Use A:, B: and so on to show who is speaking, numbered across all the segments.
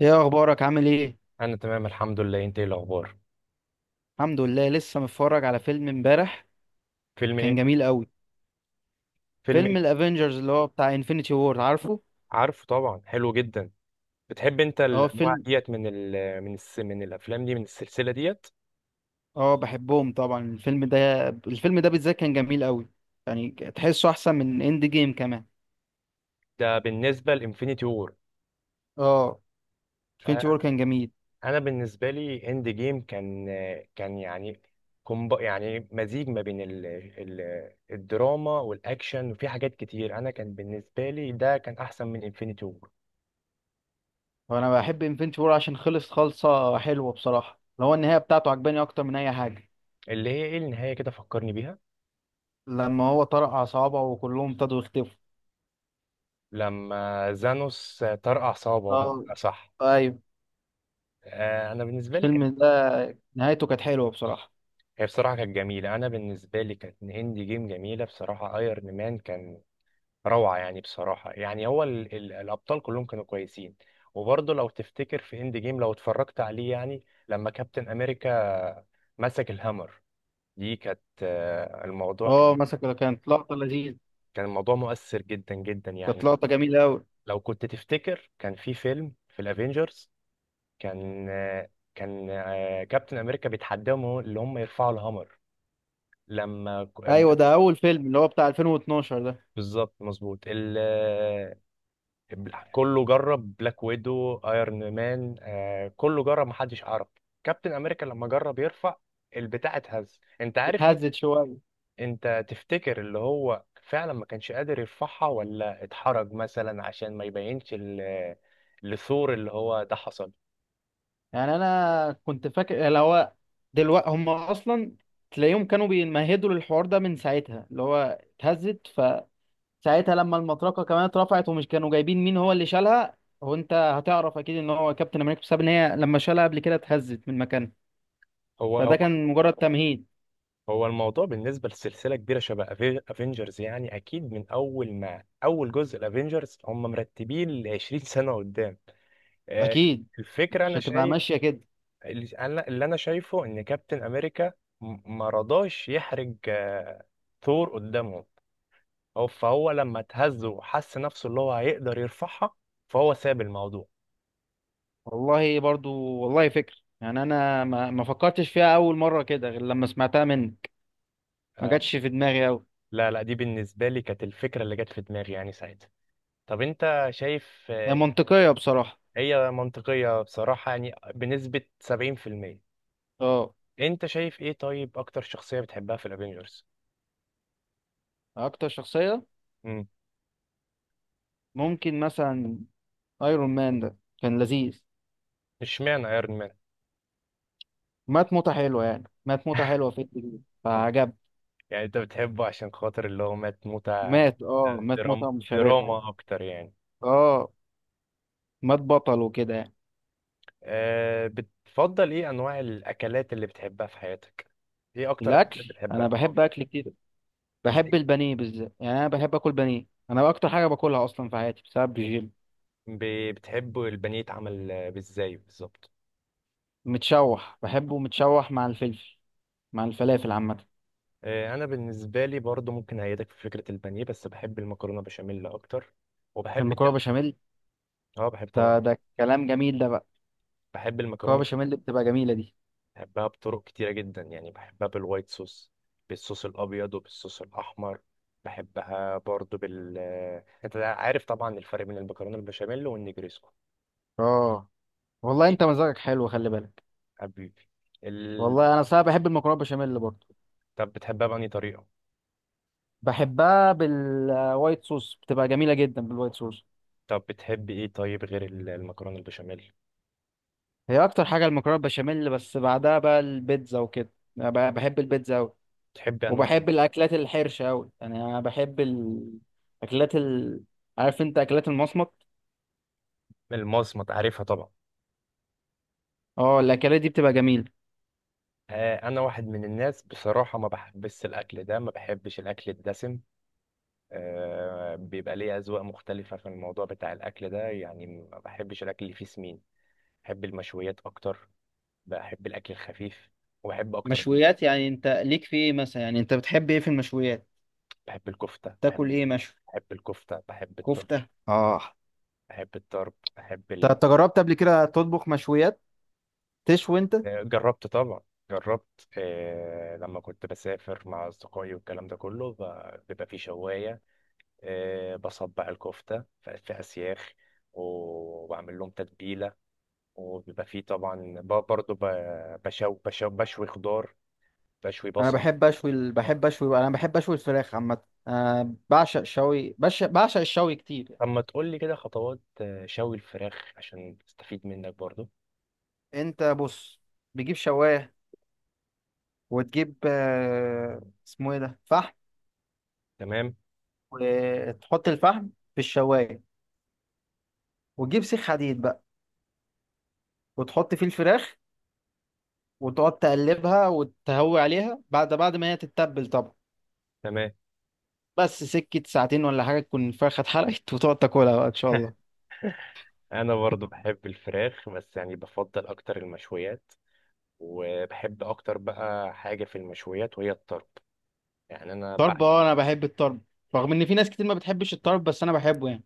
A: ايه اخبارك؟ عامل ايه؟
B: انا تمام الحمد لله، انت ايه الاخبار؟
A: الحمد لله. لسه متفرج على فيلم امبارح.
B: فيلم
A: كان
B: ايه؟
A: جميل قوي.
B: فيلم
A: فيلم
B: ايه؟
A: الافينجرز اللي هو بتاع انفينيتي وور، عارفه؟
B: عارفه طبعا، حلو جدا. بتحب انت
A: اه،
B: الانواع ديت من الافلام دي، من السلسله ديت؟
A: اه، بحبهم طبعا الفيلم ده. الفيلم ده بالذات كان جميل قوي، يعني تحسه احسن من اند جيم كمان.
B: ده بالنسبه لانفينيتي وور؟
A: اه. انفينيتي
B: آه،
A: وور كان جميل.
B: انا بالنسبه لي اند جيم كان يعني يعني مزيج ما بين ال ال الدراما والاكشن، وفي حاجات كتير انا كان بالنسبه لي ده كان احسن من انفينيتي وور.
A: وانا بحب انفينيتي وور عشان خلص، خالصه حلوه بصراحه. اللي هو النهايه بتاعته عجباني اكتر من اي حاجه،
B: اللي هي ايه النهايه؟ كده فكرني بيها.
A: لما هو طرق على صوابعه وكلهم ابتدوا يختفوا.
B: لما زانوس طرقع صوابعه.
A: اه.
B: صح.
A: ايوه.
B: آه، انا بالنسبه لي كان.
A: الفيلم ده نهايته كانت حلوه بصراحه.
B: هي بصراحه كانت جميله، انا بالنسبه لي كانت هندي جيم جميله بصراحه. ايرن مان كان روعه يعني، بصراحه يعني هو ال ال الابطال كلهم كانوا كويسين. وبرضه لو تفتكر في هند جيم لو اتفرجت عليه يعني، لما كابتن امريكا مسك الهامر، دي كانت الموضوع
A: اه،
B: كان.
A: مسكوا ده، كانت لقطة لذيذة.
B: كان الموضوع مؤثر جدا جدا
A: كانت
B: يعني.
A: لقطة جميلة أوي.
B: لو كنت تفتكر كان في فيلم في الافينجرز، كان كابتن امريكا بيتحداهم اللي هم يرفعوا الهامر. لما.
A: أيوة، ده أول فيلم اللي هو بتاع 2012 ده.
B: بالظبط مظبوط. كله جرب بلاك ويدو، ايرون مان، كله جرب محدش عرف. كابتن امريكا لما جرب يرفع البتاع اتهز، انت عارف ليه؟
A: اتهزت شوية.
B: انت تفتكر اللي هو فعلا ما كانش قادر يرفعها، ولا اتحرج مثلا عشان ما يبينش لثور؟ اللي هو ده حصل.
A: يعني أنا كنت فاكر اللي هو دلوقتي هم أصلا تلاقيهم كانوا بيمهدوا للحوار ده من ساعتها، اللي هو اتهزت فساعتها لما المطرقة كمان اترفعت، ومش كانوا جايبين مين هو اللي شالها. هو أنت هتعرف أكيد إن هو كابتن أمريكا، بسبب إن هي لما شالها قبل كده اتهزت من مكانها،
B: هو هو.
A: فده كان مجرد تمهيد.
B: هو الموضوع بالنسبة لسلسلة كبيرة شبه افنجرز، يعني اكيد من اول ما اول جزء الافنجرز هم مرتبين ل 20 سنة قدام. آه،
A: أكيد.
B: الفكرة
A: مش
B: أنا
A: هتبقى
B: شايف.
A: ماشية كده.
B: اللي أنا شايفه إن كابتن أمريكا ما رضاش يحرج ثور قدامهم. فهو لما اتهز وحس نفسه اللي هو هيقدر يرفعها، فهو ساب الموضوع.
A: والله برضو، والله فكر. يعني انا ما فكرتش فيها اول مره كده غير لما سمعتها منك، ما
B: آه،
A: جاتش في دماغي قوي.
B: لا لا، دي بالنسبة لي كانت الفكرة اللي جت في دماغي يعني ساعتها. طب أنت شايف
A: هي منطقيه بصراحه.
B: هي منطقية بصراحة، يعني بنسبة 70%.
A: اه.
B: أنت شايف إيه؟ طيب أكتر شخصية بتحبها في الأفينجرز؟
A: اكتر شخصيه،
B: مم.
A: ممكن مثلا ايرون مان ده، كان لذيذ.
B: اشمعنى ايرون؟
A: مات موته حلوه، يعني مات موته حلوه في الجديد فعجب.
B: يعني انت بتحبه عشان خاطر اللي هو مات موتة؟
A: مات موته مشرفه يعني.
B: دراما اكتر يعني؟
A: اه، مات بطل وكده يعني.
B: أه، بتفضل ايه انواع الاكلات اللي بتحبها في حياتك؟ ايه اكتر
A: الاكل،
B: اكلات بتحبها
A: انا
B: اه؟
A: بحب اكل كتير. بحب
B: ازاي؟
A: البانيه بالذات، يعني انا بحب اكل بانيه، انا اكتر حاجه باكلها اصلا في حياتي بسبب الجيم.
B: بتحب البانيه يتعمل ازاي بالظبط؟
A: متشوح، بحبه متشوح مع الفلفل، مع الفلافل عامة.
B: أه، انا بالنسبه لي برضو ممكن ايدك في فكره البانيه، بس بحب المكرونه بشاميل اكتر. وبحب.
A: المكرونة بشاميل،
B: اه، بحب
A: ده
B: طبعا.
A: ده كلام جميل ده بقى.
B: بحب
A: المكرونة
B: المكرونه.
A: بشاميل اللي بتبقى جميلة دي.
B: بحبها بطرق كتيرة جدا، يعني بحبها بالوايت صوص، بالصوص الأبيض وبالصوص الأحمر. بحبها برضو بال آه، أنت عارف طبعا الفرق بين المكرونة البشاميل والنجريسكو؟
A: اه. والله
B: إيه؟
A: انت مزاجك حلو، خلي بالك.
B: حبيبي. ال...
A: والله انا صراحة بحب المكرونة بشاميل برضه.
B: طب بتحبها بأنهي طريقة؟
A: بحبها بالوايت صوص، بتبقى جميلة جدا بالوايت صوص.
B: طب بتحب إيه طيب غير المكرونة البشاميل؟
A: هي اكتر حاجة المكرونة بشاميل، بس بعدها بقى البيتزا وكده. أنا بحب البيتزا اوي.
B: بتحب أنواع.
A: وبحب الاكلات الحرشة اوي، يعني انا بحب الاكلات عارف انت اكلات المصمت؟
B: المصمت عارفها طبعا.
A: اه، الاكلات دي بتبقى جميلة.
B: أنا واحد من الناس بصراحة ما بحبش الأكل ده، ما بحبش الأكل الدسم. بيبقى ليه أذواق مختلفة في الموضوع بتاع الأكل ده، يعني ما بحبش الأكل اللي فيه سمين. بحب المشويات اكتر، بحب الاكل الخفيف، وبحب اكتر.
A: مشويات، يعني انت ليك في ايه مثلا؟ يعني انت بتحب ايه في المشويات؟
B: بحب الكفته
A: تاكل
B: بحب.
A: ايه مشوي؟
B: بحب الكفته بحب الطرب.
A: كفتة، اه.
B: بحب الطرب بحب
A: انت جربت قبل كده تطبخ مشويات؟ تشوي انت؟
B: جربت طبعا. جربت لما كنت بسافر مع اصدقائي والكلام ده كله، بيبقى في شوايه. بصبع الكفته في اسياخ، وبعمل لهم تتبيله، وبيبقى فيه طبعا، برضه بشوي خضار، بشوي بصل.
A: انا بحب اشوي الفراخ عامه. انا بعشق شوي، بعشق الشوي كتير.
B: طب ما تقول لي كده خطوات شوي الفراخ عشان استفيد منك برضو؟
A: انت بص، بتجيب شوايه، وتجيب، اسمه ايه ده، فحم،
B: تمام.
A: وتحط الفحم في الشوايه، وتجيب سيخ حديد بقى وتحط فيه الفراخ، وتقعد تقلبها وتهوي عليها بعد ما هي تتبل طبعا.
B: تمام،
A: بس سكة ساعتين ولا حاجة تكون الفرخة اتحرقت وتقعد تاكلها بقى إن شاء الله.
B: انا برضو بحب الفراخ، بس يعني بفضل اكتر المشويات، وبحب اكتر بقى حاجة في المشويات وهي الطرب. يعني انا
A: طرب،
B: بعشق.
A: اه، أنا بحب الطرب، رغم إن في ناس كتير ما بتحبش الطرب، بس أنا بحبه يعني.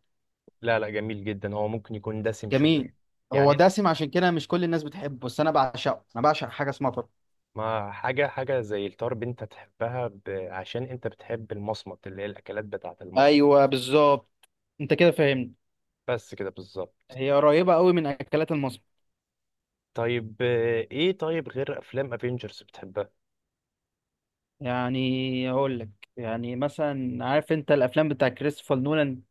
B: لا لا، جميل جدا. هو ممكن يكون دسم
A: جميل.
B: شوية
A: هو
B: يعني.
A: دسم، عشان كده مش كل الناس بتحبه، بس أنا بعشقه. أنا بعشق حاجة اسمها طرب.
B: ما حاجة حاجة زي الطرب انت تحبها، عشان انت بتحب المصمت اللي هي الاكلات بتاعة المصمت.
A: أيوه، بالظبط. أنت كده فاهمني.
B: بس كده بالظبط.
A: هي قريبة قوي من أكلات المصمت.
B: طيب ايه طيب غير افلام افنجرز بتحبها؟
A: يعني أقول لك، يعني مثلا عارف أنت الأفلام بتاع كريستوفر نولان؟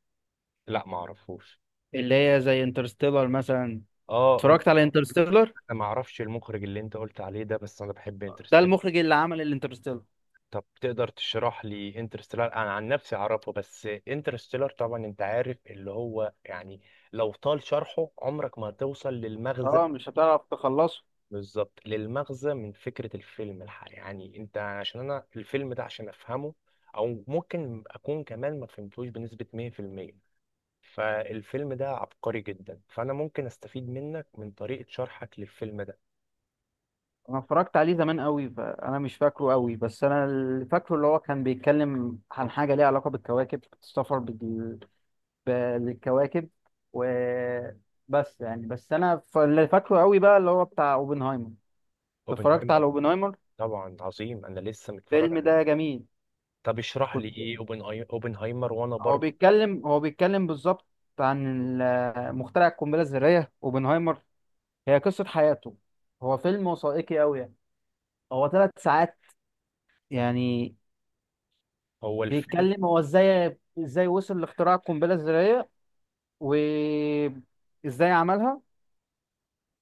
B: لا، ما اعرفوش.
A: اللي هي زي انترستيلر مثلا.
B: اه، انت.
A: اتفرجت على انترستيلر؟
B: انا ما اعرفش المخرج اللي انت قلت عليه ده، بس انا بحب
A: ده
B: انترستيلر.
A: المخرج اللي عمل الانترستيلر.
B: طب تقدر تشرح لي انترستيلر؟ انا عن نفسي اعرفه، بس انترستيلر طبعا انت عارف اللي هو يعني. لو طال شرحه عمرك ما هتوصل للمغزى.
A: اه، مش هتعرف تخلصه.
B: بالظبط، للمغزى من فكرة الفيلم الحقيقي يعني، انت عشان انا الفيلم ده عشان افهمه، او ممكن اكون كمان ما فهمتوش بنسبة 100%. فالفيلم ده عبقري جدا، فانا ممكن استفيد منك من طريقة شرحك للفيلم ده.
A: انا اتفرجت عليه زمان قوي، فانا مش فاكره قوي، بس انا اللي فاكره اللي هو كان بيتكلم عن حاجه ليها علاقه بالكواكب، السفر بالكواكب وبس. يعني بس انا اللي فاكره قوي بقى اللي هو بتاع اوبنهايمر. اتفرجت على
B: اوبنهايمر.
A: اوبنهايمر؟
B: طبعا عظيم، انا لسه متفرج
A: الفيلم
B: عليه.
A: ده جميل.
B: طب اشرح لي
A: كنت
B: ايه اوبنهايمر، وانا
A: هو
B: برضه.
A: بيتكلم، بالظبط عن مخترع القنبله الذريه اوبنهايمر. هي قصه حياته. هو فيلم وثائقي قوي يعني. هو ثلاث ساعات يعني.
B: هو الفيلم.
A: بيتكلم هو ازاي وصل لاختراع القنبله الذريه وازاي عملها،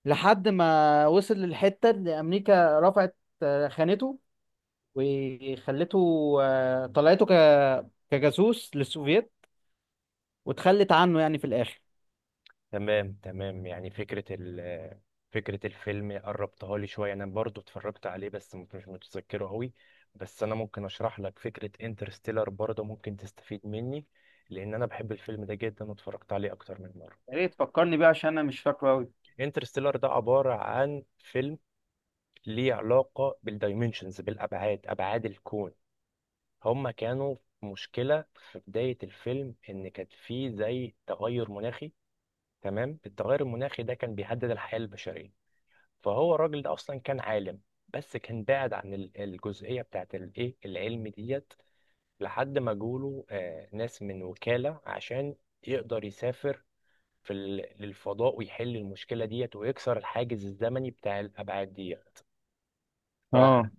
A: لحد ما وصل للحته اللي امريكا رفعت، خانته وخلته، طلعته كجاسوس للسوفييت، وتخلت عنه يعني في الاخر.
B: تمام تمام، يعني فكره الفيلم قربتها لي شويه، انا برضه اتفرجت عليه بس مش متذكره قوي. بس انا ممكن اشرح لك فكره انترستيلر برضه، ممكن تستفيد مني. لان انا بحب الفيلم ده جدا واتفرجت عليه اكتر من مره.
A: يا ريت تفكرني بيه عشان انا مش فاكره قوي.
B: انترستيلر ده عباره عن فيلم ليه علاقه بالدايمنشنز، بالابعاد، ابعاد الكون. هما كانوا في مشكلة في بداية الفيلم إن كانت فيه زي تغير مناخي. تمام، التغير المناخي ده كان بيهدد الحياة البشرية. فهو الراجل ده أصلا كان عالم، بس كان بعد عن الجزئية بتاعت الإيه العلم ديت، لحد ما جوله ناس من وكالة عشان يقدر يسافر في للفضاء، ويحل المشكلة ديت، ويكسر الحاجز الزمني بتاع الأبعاد ديت.
A: اه،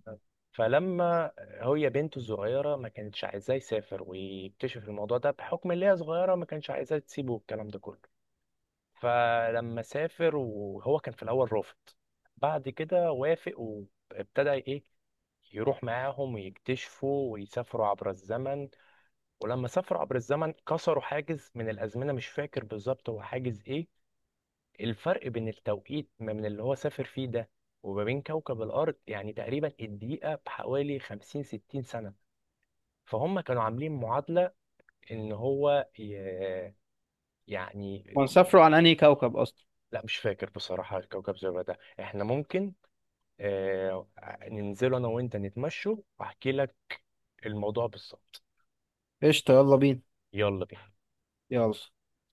B: فلما هي بنته الصغيرة ما كانتش عايزاه يسافر ويكتشف الموضوع ده، بحكم ان هي صغيرة ما كانش عايزاه تسيبه والكلام ده كله. فلما سافر وهو كان في الأول رافض، بعد كده وافق وابتدى ايه، يروح معاهم ويكتشفوا ويسافروا عبر الزمن. ولما سافروا عبر الزمن كسروا حاجز من الأزمنة، مش فاكر بالظبط هو حاجز ايه. الفرق بين التوقيت ما من اللي هو سافر فيه ده، وما بين كوكب الأرض، يعني تقريبا الدقيقة بحوالي 50 60 سنة. فهم كانوا عاملين معادلة إن هو ي... يعني.
A: هو سافروا على انهي كوكب اصلا؟
B: لا مش فاكر بصراحة، الكوكب زرار ده إحنا ممكن آه، ننزله أنا وأنت نتمشوا وأحكي لك الموضوع بالظبط.
A: قشطه، يلا بينا.
B: يلا بينا.
A: يلا.